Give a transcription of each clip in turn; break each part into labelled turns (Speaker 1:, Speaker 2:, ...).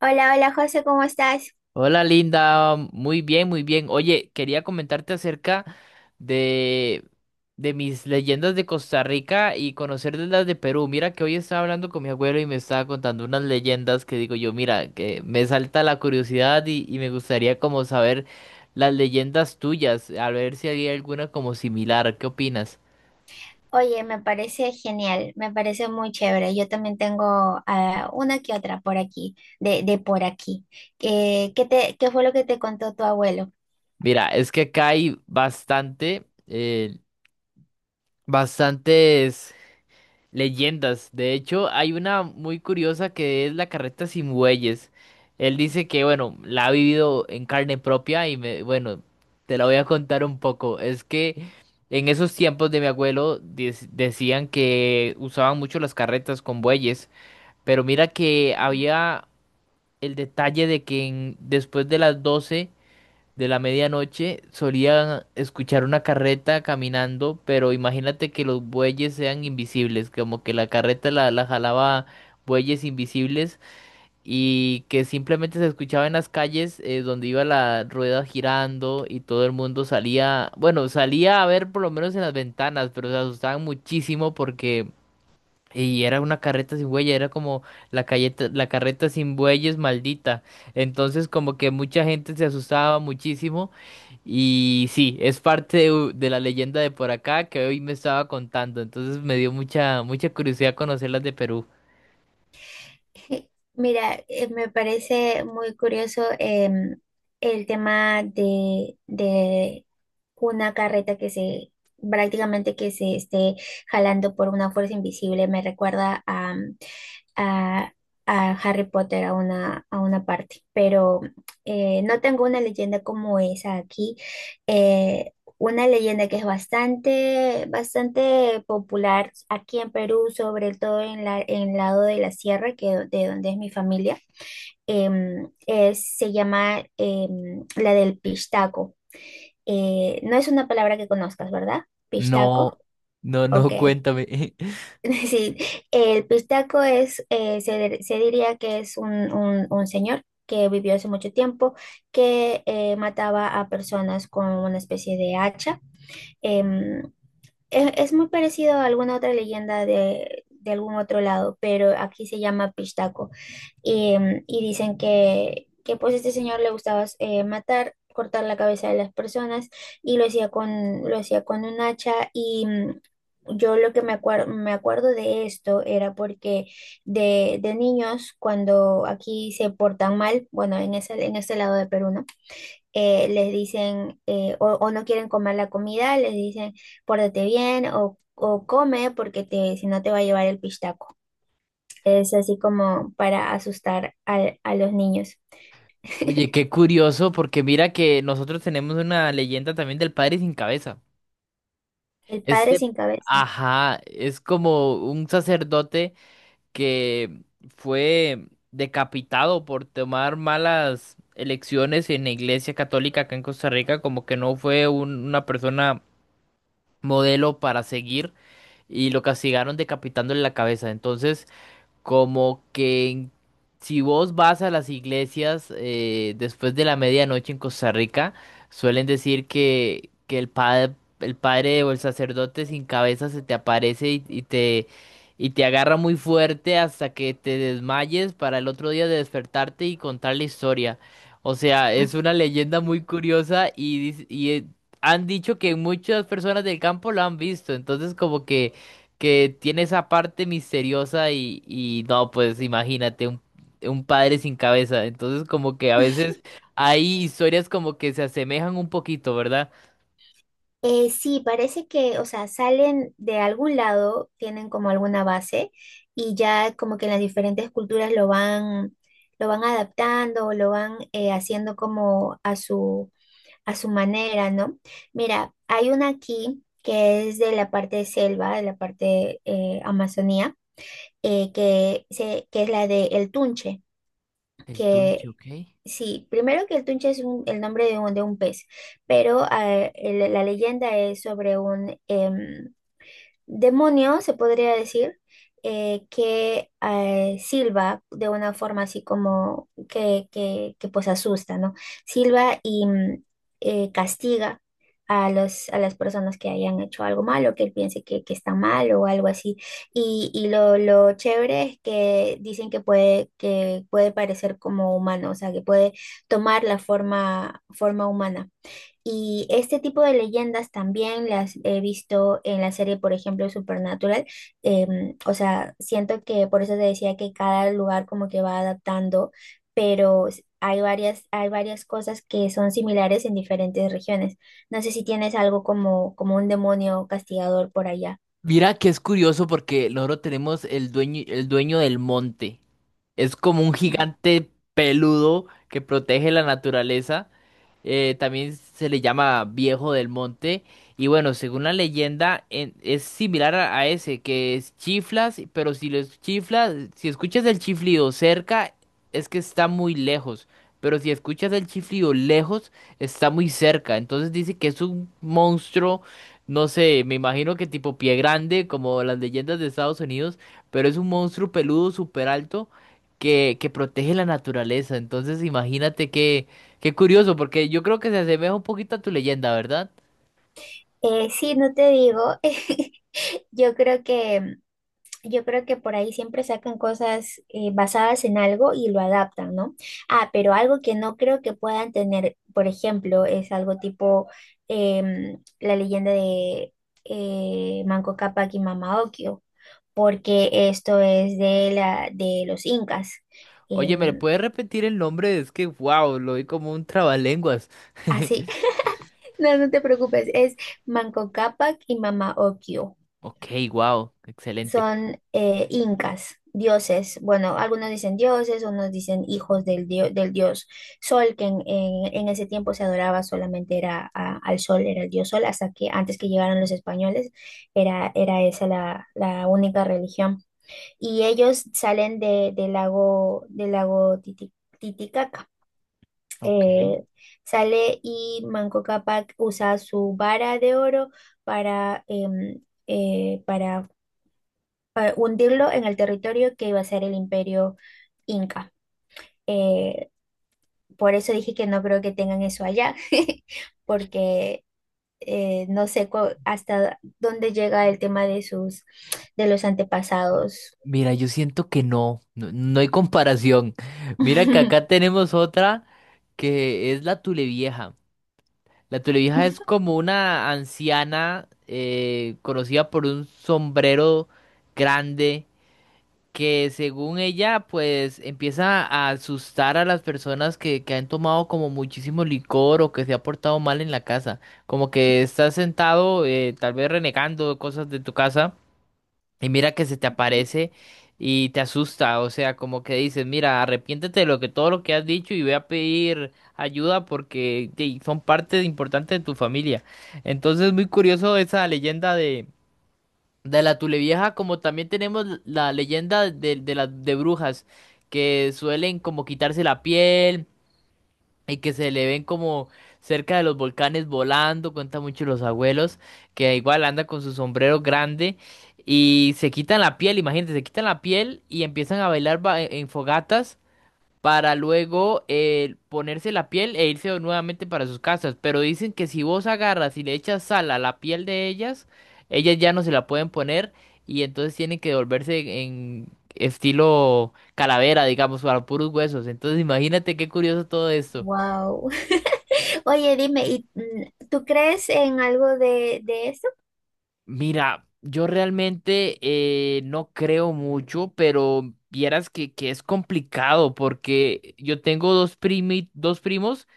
Speaker 1: Hola, hola José, ¿cómo estás?
Speaker 2: Hola Linda, muy bien, muy bien. Oye, quería comentarte acerca de, de mis leyendas de Costa Rica y conocer de las de Perú. Mira que hoy estaba hablando con mi abuelo y me estaba contando unas leyendas que digo yo, mira, que me salta la curiosidad y me gustaría como saber las leyendas tuyas, a ver si había alguna como similar. ¿Qué opinas?
Speaker 1: Oye, me parece genial, me parece muy chévere. Yo también tengo una que otra por aquí, de por aquí. ¿ qué fue lo que te contó tu abuelo?
Speaker 2: Mira, es que acá hay bastantes leyendas. De hecho, hay una muy curiosa que es la carreta sin bueyes. Él dice que, bueno, la ha vivido en carne propia te la voy a contar un poco. Es que en esos tiempos de mi abuelo decían que usaban mucho las carretas con bueyes, pero mira que había el detalle de que después de las 12 de la medianoche solía escuchar una carreta caminando, pero imagínate que los bueyes sean invisibles, como que la carreta la jalaba bueyes invisibles y que simplemente se escuchaba en las calles, donde iba la rueda girando y todo el mundo salía, bueno, salía a ver por lo menos en las ventanas, pero se asustaban muchísimo porque... Y era una carreta sin bueyes, era como la carreta sin bueyes maldita. Entonces como que mucha gente se asustaba muchísimo. Y sí, es parte de la leyenda de por acá que hoy me estaba contando. Entonces me dio mucha, mucha curiosidad conocer las de Perú.
Speaker 1: Mira, me parece muy curioso, el tema de una carreta que se prácticamente que se esté jalando por una fuerza invisible. Me recuerda a, a Harry Potter, a una parte, pero no tengo una leyenda como esa aquí. eh, una leyenda que es bastante popular aquí en Perú, sobre todo en en el lado de la sierra, que de donde es mi familia, se llama, la del pistaco. No es una palabra que conozcas, ¿verdad? Pistaco,
Speaker 2: No, no,
Speaker 1: ok.
Speaker 2: no, cuéntame.
Speaker 1: Sí, el pistaco es, se diría que es un señor que vivió hace mucho tiempo, que mataba a personas con una especie de hacha. em, es muy parecido a alguna otra leyenda de algún otro lado, pero aquí se llama Pistaco. Y, mm, y dicen que pues este señor le gustaba, matar, cortar la cabeza de las personas, y lo hacía con un hacha Yo lo que me acuerdo de esto era porque de niños, cuando aquí se portan mal, bueno, en en ese lado de Perú, ¿no?, les dicen, o no quieren comer la comida, les dicen: pórtate bien o come, porque te, si no te va a llevar el pistaco. Es así como para asustar a los niños.
Speaker 2: Oye, qué curioso, porque mira que nosotros tenemos una leyenda también del padre sin cabeza.
Speaker 1: El padre
Speaker 2: Este,
Speaker 1: sin cabeza.
Speaker 2: ajá, es como un sacerdote que fue decapitado por tomar malas elecciones en la iglesia católica acá en Costa Rica, como que no fue una persona modelo para seguir y lo castigaron decapitándole la cabeza. Entonces, como que si vos vas a las iglesias, después de la medianoche en Costa Rica, suelen decir que el padre o el sacerdote sin cabeza se te aparece y te agarra muy fuerte hasta que te desmayes para el otro día de despertarte y contar la historia. O sea, es una leyenda muy curiosa y han dicho que muchas personas del campo lo han visto, entonces como que tiene esa parte misteriosa y no, pues imagínate un padre sin cabeza. Entonces como que a veces hay historias como que se asemejan un poquito, ¿verdad?
Speaker 1: Sí, parece que, o sea, salen de algún lado, tienen como alguna base, y ya como que en las diferentes culturas lo van adaptando o lo van, haciendo como a su, a su manera, ¿no? Mira, hay una aquí que es de la parte de selva, de la parte, Amazonía, que es la de El Tunche,
Speaker 2: El Tunche,
Speaker 1: que
Speaker 2: ¿ok?
Speaker 1: sí, primero que El Tunche es el nombre de de un pez, pero la leyenda es sobre un, demonio, se podría decir, que silba de una forma, así como que pues asusta, ¿no? Silba y, castiga a a las personas que hayan hecho algo malo, que él piense que está mal o algo así. Y lo chévere es que dicen que que puede parecer como humano, o sea, que puede tomar la forma humana. Y este tipo de leyendas también las he visto en la serie, por ejemplo, Supernatural. O sea, siento que por eso te decía que cada lugar como que va adaptando, pero hay hay varias cosas que son similares en diferentes regiones. No sé si tienes algo como, como un demonio castigador por allá.
Speaker 2: Mira que es curioso porque nosotros tenemos el dueño del monte. Es como un gigante peludo que protege la naturaleza. También se le llama Viejo del Monte. Y bueno, según la leyenda, es similar a ese, que es chiflas, pero si los chiflas, si escuchas el chiflido cerca, es que está muy lejos. Pero si escuchas el chiflido lejos, está muy cerca. Entonces dice que es un monstruo, no sé, me imagino que tipo pie grande, como las leyendas de Estados Unidos, pero es un monstruo peludo súper alto que protege la naturaleza. Entonces imagínate que qué curioso, porque yo creo que se asemeja un poquito a tu leyenda, ¿verdad?
Speaker 1: Sí, no te digo. Yo creo que yo creo que por ahí siempre sacan cosas, basadas en algo y lo adaptan, ¿no? Ah, pero algo que no creo que puedan tener, por ejemplo, es algo tipo, la leyenda de, Manco Cápac y Mama Ocllo, porque esto es de la de los incas.
Speaker 2: Oye, ¿me
Speaker 1: Em,
Speaker 2: puedes repetir el nombre? Es que, wow, lo vi como un trabalenguas.
Speaker 1: Así, no, no te preocupes, es Manco Cápac y Mama Ocllo.
Speaker 2: Ok, wow, excelente.
Speaker 1: Son, incas, dioses. Bueno, algunos dicen dioses, unos dicen hijos del dios Sol, que en ese tiempo se adoraba, solamente era al Sol, era el dios Sol, hasta que antes que llegaron los españoles era, era esa la única religión. Y ellos salen de, del lago Titicaca. Eh, Sale y Manco Cápac usa su vara de oro para, eh, para para hundirlo en el territorio que iba a ser el imperio inca. Eh, por eso dije que no creo que tengan eso allá, porque no sé hasta dónde llega el tema de sus, de los antepasados.
Speaker 2: Mira, yo siento que no, no, no hay comparación. Mira que acá tenemos otra que es la Tulevieja. La Tulevieja es como una anciana, conocida por un sombrero grande que según ella, pues empieza a asustar a las personas que han tomado como muchísimo licor o que se ha portado mal en la casa. Como que estás sentado, tal vez renegando cosas de tu casa, y mira que se te aparece y te asusta. O sea, como que dices, mira, arrepiéntete de lo que todo lo que has dicho y ve a pedir ayuda porque ey, son parte importante de tu familia. Entonces, muy curioso esa leyenda de la Tulevieja, como también tenemos la leyenda de las de brujas, que suelen como quitarse la piel y que se le ven como cerca de los volcanes volando, cuentan mucho los abuelos, que igual anda con su sombrero grande y se quitan la piel, imagínate, se quitan la piel y empiezan a bailar en fogatas para luego ponerse la piel e irse nuevamente para sus casas. Pero dicen que si vos agarras y le echas sal a la piel de ellas, ellas ya no se la pueden poner y entonces tienen que volverse en estilo calavera, digamos, para puros huesos. Entonces imagínate qué curioso todo esto.
Speaker 1: Wow. Oye, dime, ¿y tú crees en algo de eso?
Speaker 2: Mira, yo realmente no creo mucho, pero vieras que es complicado porque yo tengo dos primos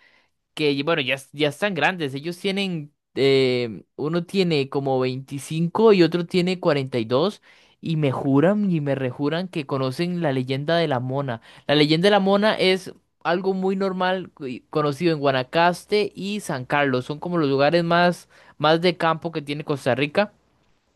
Speaker 2: que bueno, ya, ya están grandes. Ellos tienen, uno tiene como 25 y otro tiene 42 y dos y me juran y me rejuran que conocen la leyenda de la Mona. La leyenda de la Mona es algo muy normal y conocido en Guanacaste y San Carlos. Son como los lugares más, más de campo que tiene Costa Rica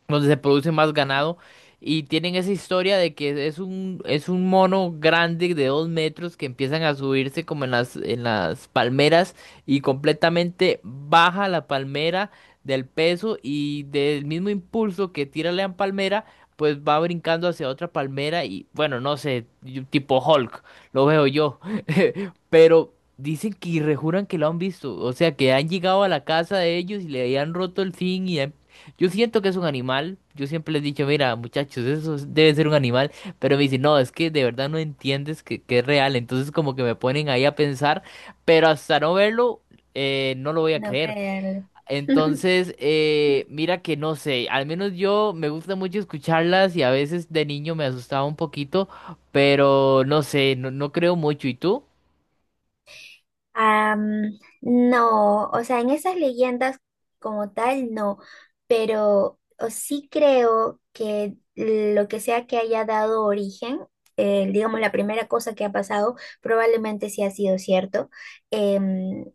Speaker 2: donde se produce más ganado. Y tienen esa historia de que es un, mono grande de 2 metros que empiezan a subirse como en las palmeras y completamente baja la palmera del peso y del mismo impulso que tira la palmera, pues va brincando hacia otra palmera y bueno, no sé, yo- tipo Hulk, lo veo yo.
Speaker 1: Ujú.
Speaker 2: Pero dicen que y rejuran que lo han visto, o sea, que han llegado a la casa de ellos y le han roto el zinc y han yo siento que es un animal. Yo siempre les he dicho, mira, muchachos, eso debe ser un animal. Pero me dicen, no, es que de verdad no entiendes que es real. Entonces como que me ponen ahí a pensar, pero hasta no verlo, no lo voy a
Speaker 1: No
Speaker 2: creer.
Speaker 1: creerlo.
Speaker 2: Entonces, mira que no sé, al menos yo me gusta mucho escucharlas y a veces de niño me asustaba un poquito, pero no sé, no, no creo mucho. ¿Y tú?
Speaker 1: No, o sea, en esas leyendas como tal, no, pero o sí creo que lo que sea que haya dado origen, digamos, la primera cosa que ha pasado, probablemente sí ha sido cierto. em,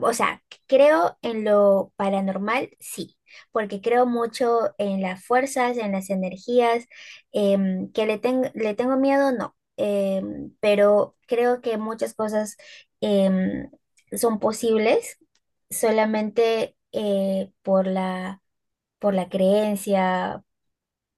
Speaker 1: o sea, creo en lo paranormal, sí, porque creo mucho en las fuerzas, en las energías, le tengo miedo, no, pero creo que muchas cosas, em, son posibles solamente, por por la creencia,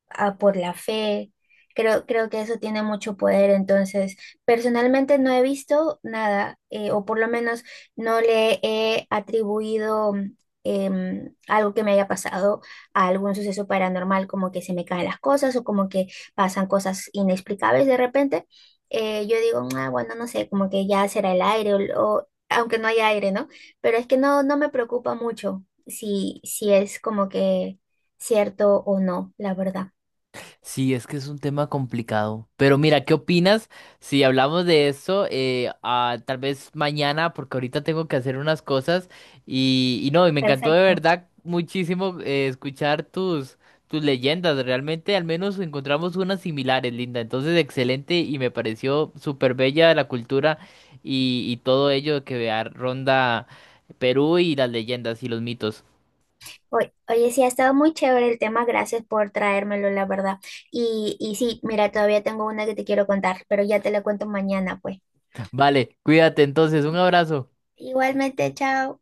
Speaker 1: a por la fe. Creo, creo que eso tiene mucho poder. Entonces, personalmente no he visto nada, o por lo menos no le he atribuido, algo que me haya pasado a algún suceso paranormal, como que se me caen las cosas o como que pasan cosas inexplicables de repente. Yo digo: "Ah, bueno, no sé, como que ya será el aire, o aunque no haya aire, ¿no?". Pero es que no, no me preocupa mucho si, si es como que cierto o no, la verdad.
Speaker 2: Sí, es que es un tema complicado. Pero mira, ¿qué opinas si hablamos de eso tal vez mañana? Porque ahorita tengo que hacer unas cosas. Y no, y me encantó de
Speaker 1: Perfecto.
Speaker 2: verdad muchísimo escuchar tus leyendas. Realmente al menos encontramos unas similares, Linda. Entonces, excelente y me pareció súper bella la cultura y todo ello que ronda Perú y las leyendas y los mitos.
Speaker 1: Oye, sí, ha estado muy chévere el tema, gracias por traérmelo, la verdad. Y sí, mira, todavía tengo una que te quiero contar, pero ya te la cuento mañana, pues.
Speaker 2: Vale, cuídate entonces. Un abrazo.
Speaker 1: Igualmente, chao.